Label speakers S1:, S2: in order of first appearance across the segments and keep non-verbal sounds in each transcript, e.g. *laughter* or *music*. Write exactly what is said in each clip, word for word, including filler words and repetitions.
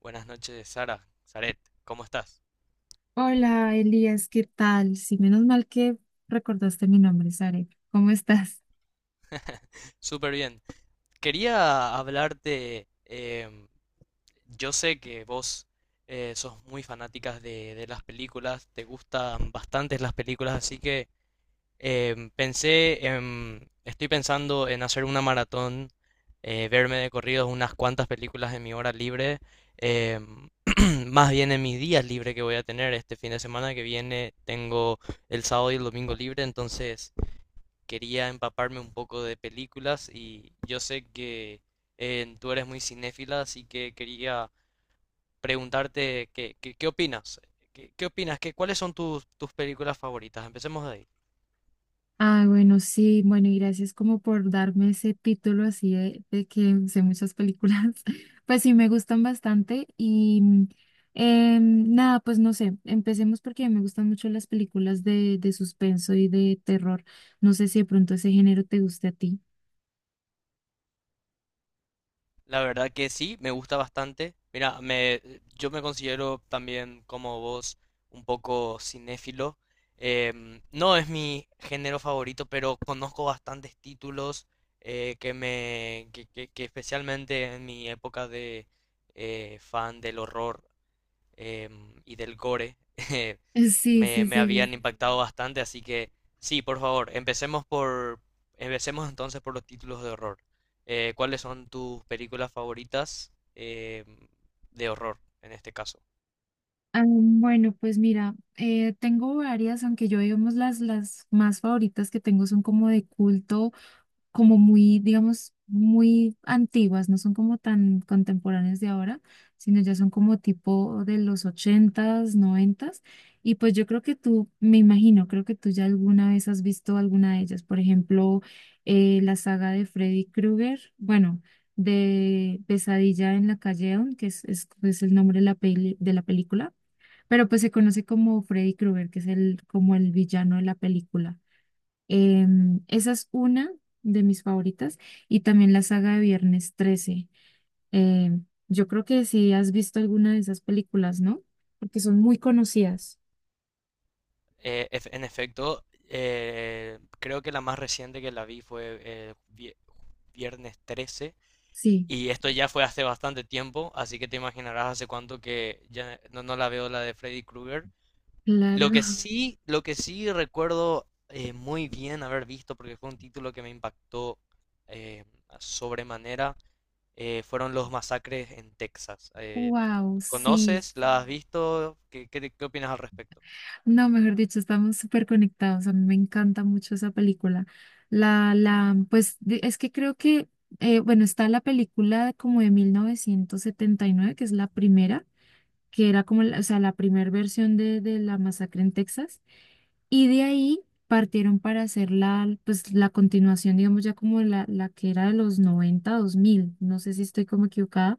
S1: Buenas noches, Sara, Saret, ¿cómo estás?
S2: Hola, Elías, ¿qué tal? Sí, menos mal que recordaste mi nombre, Sare. ¿Cómo estás?
S1: Súper bien. Quería hablarte, em, yo sé que vos eh, sos muy fanáticas de, de las películas, te gustan bastantes las películas, así que em, pensé, en, estoy pensando en hacer una maratón, eh, verme de corridos unas cuantas películas en mi hora libre, em, *clears throat* más bien en mis días libres que voy a tener este fin de semana que viene, tengo el sábado y el domingo libre, entonces quería empaparme un poco de películas y yo sé que eh, tú eres muy cinéfila, así que quería preguntarte qué, qué, qué opinas, qué, qué opinas, qué, cuáles son tus, tus películas favoritas. Empecemos de ahí.
S2: Ah, bueno, sí, bueno, y gracias como por darme ese título así de, de que sé muchas películas. *laughs* Pues sí, me gustan bastante y mm, em, nada, pues no sé, empecemos porque me gustan mucho las películas de, de suspenso y de terror. No sé si de pronto ese género te guste a ti. *laughs*
S1: La verdad que sí, me gusta bastante. Mira, me, yo me considero también como vos un poco cinéfilo. Em, no es mi género favorito, pero conozco bastantes títulos eh, que me que, que- que especialmente en mi época de eh, fan del horror, em, y del gore *laughs*
S2: Sí,
S1: me,
S2: sí, sí,
S1: me
S2: sí.
S1: habían impactado bastante, así que sí, por favor, empecemos por, empecemos entonces por los títulos de horror. Eh, ¿cuáles son tus películas favoritas em, de horror en este caso?
S2: Ah, Bueno, pues mira, eh, tengo varias, aunque yo digamos las, las más favoritas que tengo son como de culto, como muy, digamos, muy antiguas, no son como tan contemporáneas de ahora, sino ya son como tipo de los ochentas, noventas. Y pues yo creo que tú, me imagino, creo que tú ya alguna vez has visto alguna de ellas, por ejemplo, eh, la saga de Freddy Krueger, bueno, de Pesadilla en la calle Elm, que es, es, es el nombre de la peli- de la película, pero pues se conoce como Freddy Krueger, que es el, como el villano de la película. Em, esa es una de mis favoritas y también la saga de Viernes trece. Em, yo creo que si has visto alguna de esas películas, ¿no? Porque son muy conocidas.
S1: Eh, ef- en efecto, eh, creo que la más reciente que la vi fue eh, vie- viernes trece.
S2: Sí,
S1: Y esto ya fue hace bastante tiempo, así que te imaginarás hace cuánto que ya no, no la veo la de Freddy Krueger. Lo
S2: claro.
S1: que
S2: *laughs*
S1: sí, lo que sí recuerdo eh, muy bien haber visto, porque fue un título que me impactó eh, sobremanera, eh, fueron los masacres en Texas. Eh,
S2: Wow, sí.
S1: ¿conoces? ¿La has visto? ¿Qué, qué, ¿qué opinas al respecto?
S2: No, mejor dicho, estamos súper conectados. A mí me encanta mucho esa película. La, la, pues de- es que creo que, eh, bueno, está la película como de mil novecientos setenta y nueve, que es la primera, que era como, la- o sea, la primera versión de, de la masacre en Texas. Y de ahí partieron para hacer la, pues la continuación, digamos, ya como la, la que era de los noventa dos mil. No sé si estoy como equivocada,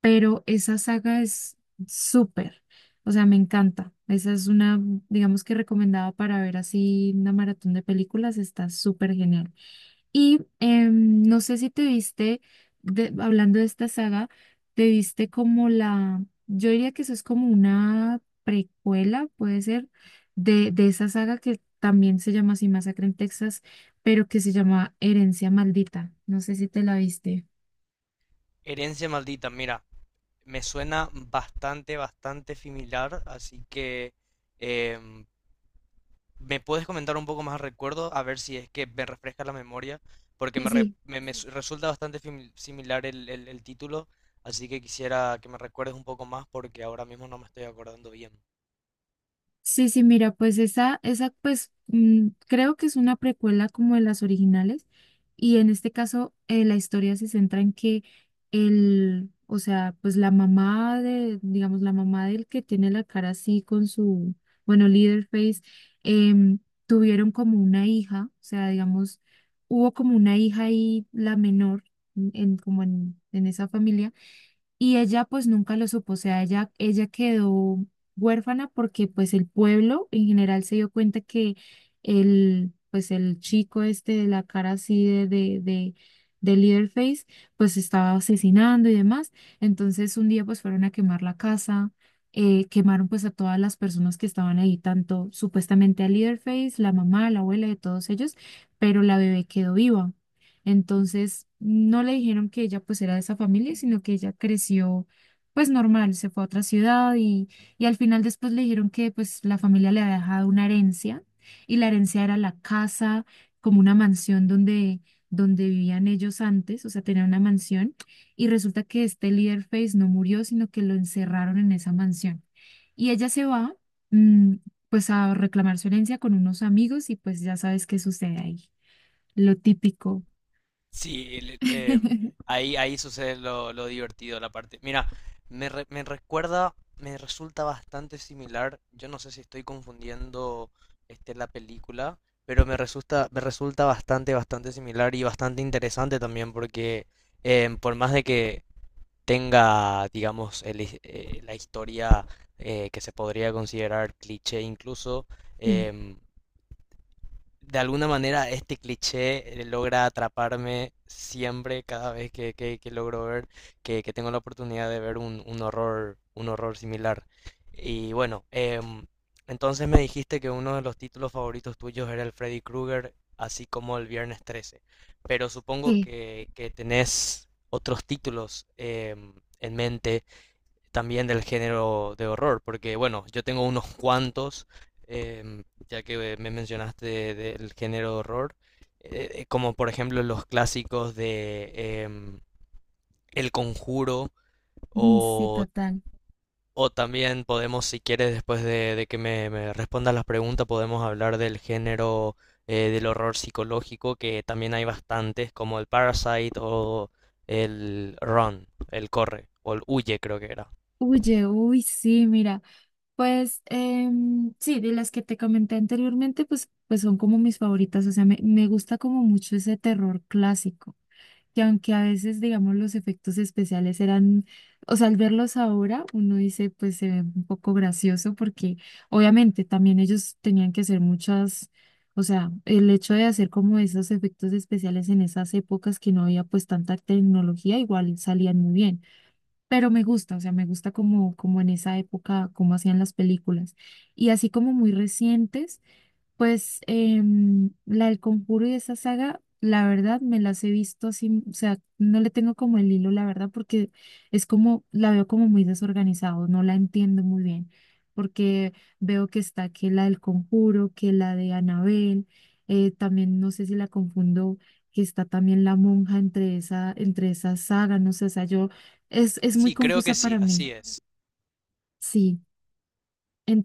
S2: pero esa saga es súper, o sea, me encanta. Esa es una, digamos que recomendada para ver así una maratón de películas, está súper genial. Y em, no sé si te viste, de- hablando de esta saga, te viste como la, yo diría que eso es como una precuela, puede ser, de, de esa saga que también se llama así Masacre en Texas, pero que se llama Herencia Maldita. No sé si te la viste.
S1: Herencia maldita, mira, me suena bastante, bastante similar, así que eh, ¿me puedes comentar un poco más al recuerdo? A ver si es que me refresca la memoria, porque
S2: Sí,
S1: me, re-
S2: sí,
S1: me- me su- resulta bastante fimi- similar el, el- el título, así que quisiera que me recuerdes un poco más porque ahora mismo no me estoy acordando bien.
S2: sí, sí, mira, pues esa, esa, pues mm, creo que es una precuela como de las originales y en este caso eh, la historia se centra en que el, o sea, pues la mamá de, digamos, la mamá del que tiene la cara así con su, bueno, líder face, em, tuvieron como una hija, o sea, digamos, hubo como una hija y la menor en, en- como en en esa familia, y ella pues nunca lo supo, o sea, ella, ella quedó huérfana porque pues el pueblo en general se dio cuenta que el, pues el chico este de la cara así de, de, de, de Leatherface pues estaba asesinando y demás. Entonces un día pues fueron a quemar la casa, eh, quemaron pues a todas las personas que estaban ahí, tanto supuestamente a Leatherface, la mamá, la abuela de todos ellos, pero la bebé quedó viva. Entonces, no le dijeron que ella pues era de esa familia, sino que ella creció pues normal, se fue a otra ciudad y, y al final después le dijeron que pues la familia le había dejado una herencia y la herencia era la casa, como una mansión donde, donde vivían ellos antes, o sea, tenía una mansión y resulta que este Leatherface no murió, sino que lo encerraron en esa mansión. Y ella se va mm, pues a reclamar su herencia con unos amigos y pues ya sabes qué sucede ahí, lo típico.
S1: Sí, el- eh,
S2: *laughs*
S1: Ahí, ahí sucede lo, lo divertido, la parte. Mira, me, re- me recuerda, me resulta bastante similar. Yo no sé si estoy confundiendo este, la película, pero me resulta, me resulta bastante, bastante similar y bastante interesante también, porque em, por más de que tenga, digamos, el his- eh, la historia eh, que se podría considerar cliché incluso,
S2: Sí,
S1: em, de alguna manera este cliché eh, logra atraparme siempre cada vez que, que- que logro ver, que, que tengo la oportunidad de ver un, un horror, un horror similar. Y bueno, em, entonces me dijiste que uno de los títulos favoritos tuyos era el Freddy Krueger, así como el Viernes trece. Pero supongo
S2: sí,
S1: que, que tenés otros títulos em, en mente también del género de horror, porque bueno, yo tengo unos *laughs* cuantos, em, ya que me mencionaste del género de horror, eh, eh, como por ejemplo los clásicos de em, El Conjuro
S2: mm, sí,
S1: o,
S2: total.
S1: o también podemos, si quieres, después de, de que me, me respondas las preguntas, podemos hablar del género eh, del horror psicológico, que también hay bastantes, como el Parasite o el Run, el Corre, o el Huye creo que era.
S2: Oye, uy, sí, mira, pues em, sí, de las que te comenté anteriormente, pues, pues son como mis favoritas, o sea, me, me gusta como mucho ese terror clásico. Que aunque a veces, digamos, los efectos especiales eran, o sea, al verlos ahora, uno dice, pues se ve un poco gracioso porque obviamente también ellos tenían que hacer muchas, o sea, el hecho de hacer como esos efectos especiales en esas épocas que no había pues tanta tecnología, igual salían muy bien, pero me gusta, o sea, me gusta como, como en esa época, cómo hacían las películas. Y así como muy recientes. Pues em, la del Conjuro y esa saga, la verdad me las he visto así, o sea, no le tengo como el hilo, la verdad, porque es como, la veo como muy desorganizado, no la entiendo muy bien, porque veo que está que la del Conjuro, que la de Anabel, eh, también no sé si la confundo, que está también la monja entre esa, entre esa saga, no sé, o sea, yo, es, es muy
S1: Sí, creo
S2: confusa
S1: que sí,
S2: para mí,
S1: así es.
S2: sí,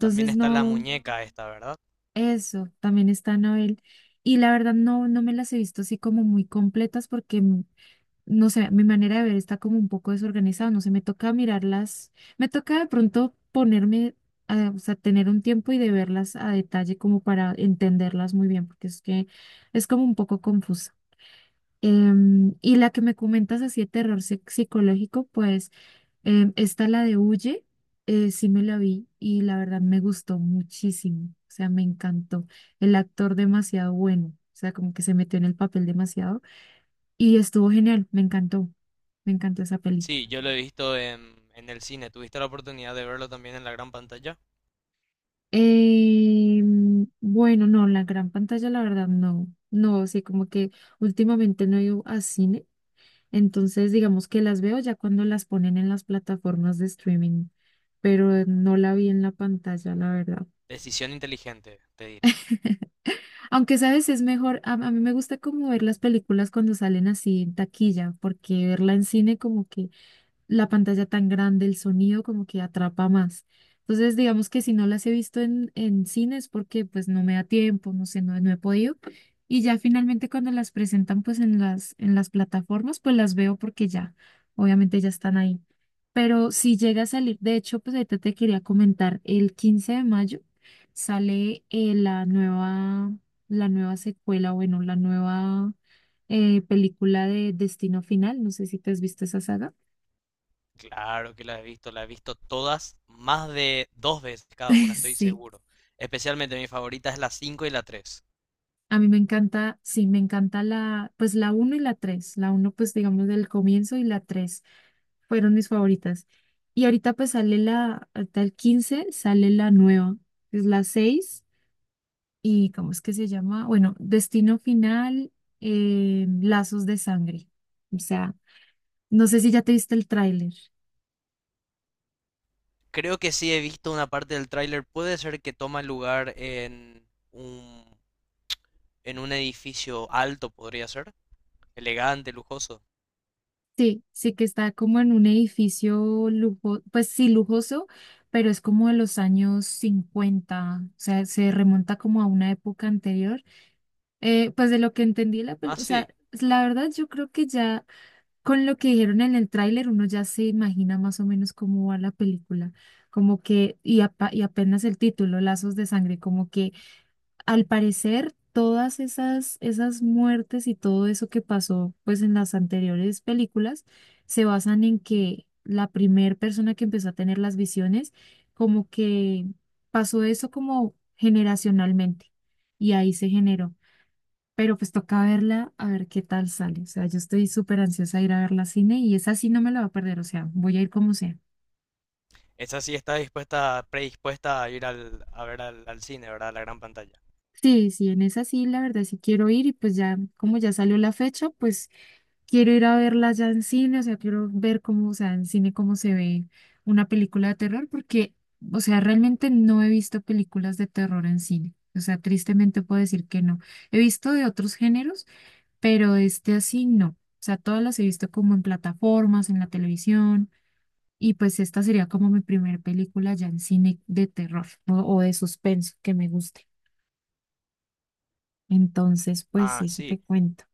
S1: También está la
S2: no.
S1: muñeca esta, ¿verdad?
S2: Eso, también está Anabel. Y la verdad no, no me las he visto así como muy completas porque, mm, no sé, mi manera de ver está como un poco desorganizada, no sé, me toca mirarlas, me toca de pronto ponerme, a, o sea, tener un tiempo y de verlas a detalle como para entenderlas muy bien, porque es que es como un poco confusa. Em, y la que me comentas así de terror psic- psicológico, pues... Em, esta, la de Huye, eh, sí me la vi y la verdad me gustó muchísimo, o sea, me encantó. El actor demasiado bueno, o sea, como que se metió en el papel demasiado y estuvo genial, me encantó, me encantó esa peli.
S1: Sí, yo lo he visto en, en el cine. ¿Tuviste la oportunidad de verlo también en la gran pantalla?
S2: Em, bueno, no, la gran pantalla, la verdad, no, no, sí, como que últimamente no he ido a cine, entonces digamos que las veo ya cuando las ponen en las plataformas de streaming, pero no la vi en la pantalla, la verdad.
S1: Decisión inteligente, te diré.
S2: Aunque, ¿sabes? Es mejor, a, a mí me gusta como ver las películas cuando salen así en taquilla, porque verla en cine como que la pantalla tan grande, el sonido como que atrapa más. Entonces, digamos que si no las he visto en, en cine es porque pues no me da tiempo, no sé, no, no he podido. Y ya finalmente cuando las presentan pues en las, en las plataformas, pues las veo porque ya, obviamente ya están ahí. Pero si llega a salir, de hecho, pues ahorita te quería comentar, el quince de mayo sale eh, la nueva, la nueva secuela, bueno, la nueva eh, película de Destino Final, no sé si te has visto esa saga.
S1: Claro que la he visto, la he visto todas, más de dos veces cada una,
S2: *laughs*
S1: estoy
S2: Sí,
S1: seguro. Especialmente mi favorita es la cinco y la tres.
S2: a mí me encanta, sí, me encanta la, pues la uno y la tres. La uno, pues digamos del comienzo y la tres fueron mis favoritas. Y ahorita pues sale la, hasta el quince sale la nueva, que es la seis y ¿cómo es que se llama? Bueno, Destino Final, eh, Lazos de Sangre. O sea, no sé si ya te viste el tráiler.
S1: Creo que sí he visto una parte del tráiler, puede ser que toma lugar en un, en un edificio alto, podría ser. Elegante, lujoso.
S2: Sí, sí que está como en un edificio lujo, pues sí lujoso, pero es como de los años cincuenta, o sea, se remonta como a una época anterior. Eh, pues de lo que entendí de la
S1: Ah,
S2: película, o sea,
S1: sí.
S2: la verdad yo creo que ya con lo que dijeron en el tráiler uno ya se imagina más o menos cómo va la película, como que, y, apa- y apenas el título, Lazos de Sangre, como que al parecer, todas esas, esas muertes y todo eso que pasó pues en las anteriores películas se basan en que la primer persona que empezó a tener las visiones, como que pasó eso como generacionalmente y ahí se generó. Pero pues toca verla a ver qué tal sale. O sea, yo estoy súper ansiosa de ir a verla al cine y esa sí no me la va a perder. O sea, voy a ir como sea.
S1: Esa sí está dispuesta, predispuesta a ir al, a ver al, al cine, ¿verdad? A la gran pantalla.
S2: Sí, sí, en esa sí, la verdad sí quiero ir y pues ya, como ya salió la fecha, pues quiero ir a verla ya en cine, o sea, quiero ver cómo, o sea, en cine cómo se ve una película de terror, porque, o sea, realmente no he visto películas de terror en cine. O sea, tristemente puedo decir que no. He visto de otros géneros, pero de este así no. O sea, todas las he visto como en plataformas, en la televisión, y pues esta sería como mi primera película ya en cine de terror o, o de suspenso que me guste. Entonces, pues
S1: Ah,
S2: sí, eso
S1: sí.
S2: te cuento.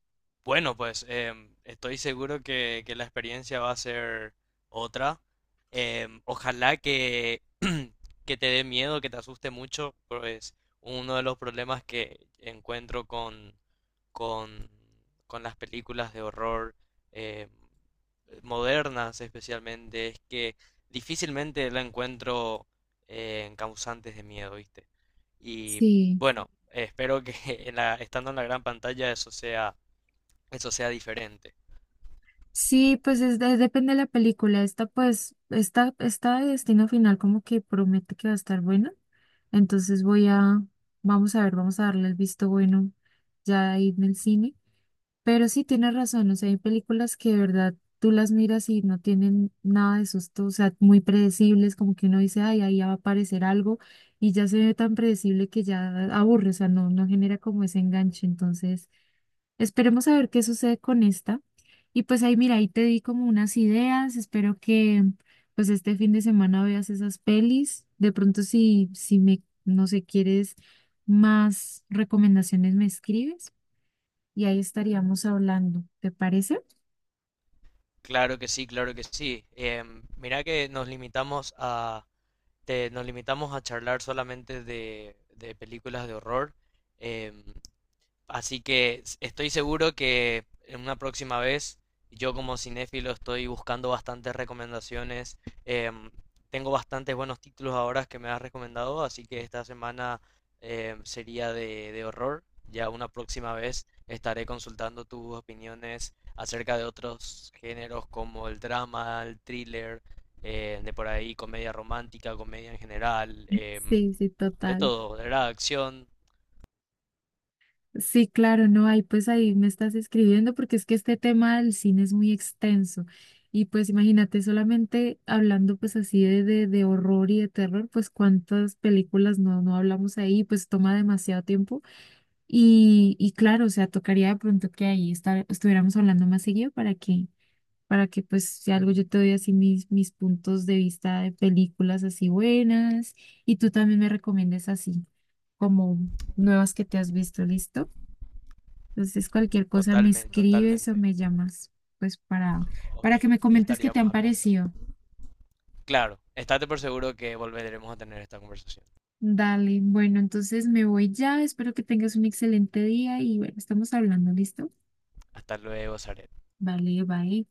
S1: Bueno, pues em, estoy seguro que, que la experiencia va a ser otra. Em, ojalá que, *clears throat* que te dé miedo, que te asuste mucho, pues uno de los problemas que encuentro con, con, con las películas de horror em, modernas especialmente es que difícilmente la encuentro eh, en causantes de miedo, ¿viste? Y
S2: Sí.
S1: bueno, espero que *laughs* en la- estando en la gran pantalla eso sea eso sea diferente.
S2: Sí, pues es de- depende de la película. Esta, pues, esta, esta de Destino Final como que promete que va a estar buena. Entonces voy a, vamos a ver, vamos a darle el visto bueno ya ahí en el cine. Pero sí tienes razón, o sea, hay películas que de verdad tú las miras y no tienen nada de susto, o sea, muy predecibles, como que uno dice, ay, ahí ya va a aparecer algo y ya se ve tan predecible que ya aburre, o sea, no, no genera como ese enganche. Entonces... Esperemos a ver qué sucede con esta. Y pues ahí, mira, ahí te di como unas ideas. Espero que pues este fin de semana veas esas pelis. De pronto si, si me, no sé, quieres más recomendaciones, me escribes y ahí estaríamos hablando. ¿Te parece?
S1: Claro que sí, claro que sí. Em, mira que nos limitamos a te- nos limitamos a charlar solamente de, de películas de horror. Em, así que s- estoy seguro que en una próxima vez, yo como cinéfilo estoy buscando bastantes recomendaciones. Em, tengo bastantes buenos títulos ahora que me has recomendado, así que esta semana em, sería de, de horror. Ya una próxima vez estaré consultando tus opiniones acerca de otros géneros como el drama, el thriller, eh, de por ahí comedia romántica, comedia en general, em,
S2: Sí, sí,
S1: de
S2: total.
S1: todo, de verdad, acción,
S2: Sí, claro, no, ahí pues ahí me estás escribiendo porque es que este tema del cine es muy extenso y pues imagínate solamente hablando pues así de, de, de horror y de terror, pues cuántas películas no, no hablamos ahí, pues toma demasiado tiempo y, y claro, o sea, tocaría de pronto que ahí estar, estuviéramos hablando más seguido para que, para que pues si algo yo te doy así mis, mis puntos de vista de películas así buenas y tú también me recomiendes así como nuevas que te has visto, ¿listo? Entonces, cualquier cosa me
S1: totalmente,
S2: escribes o
S1: totalmente.
S2: me llamas, pues para,
S1: Ok,
S2: para que me
S1: ya
S2: comentes qué te
S1: estaríamos
S2: han
S1: hablando.
S2: parecido.
S1: Claro, estate por seguro que volveremos a tener esta conversación.
S2: Dale, bueno, entonces me voy ya. Espero que tengas un excelente día y bueno, estamos hablando, ¿listo?
S1: Hasta luego, Zaret.
S2: Vale, bye.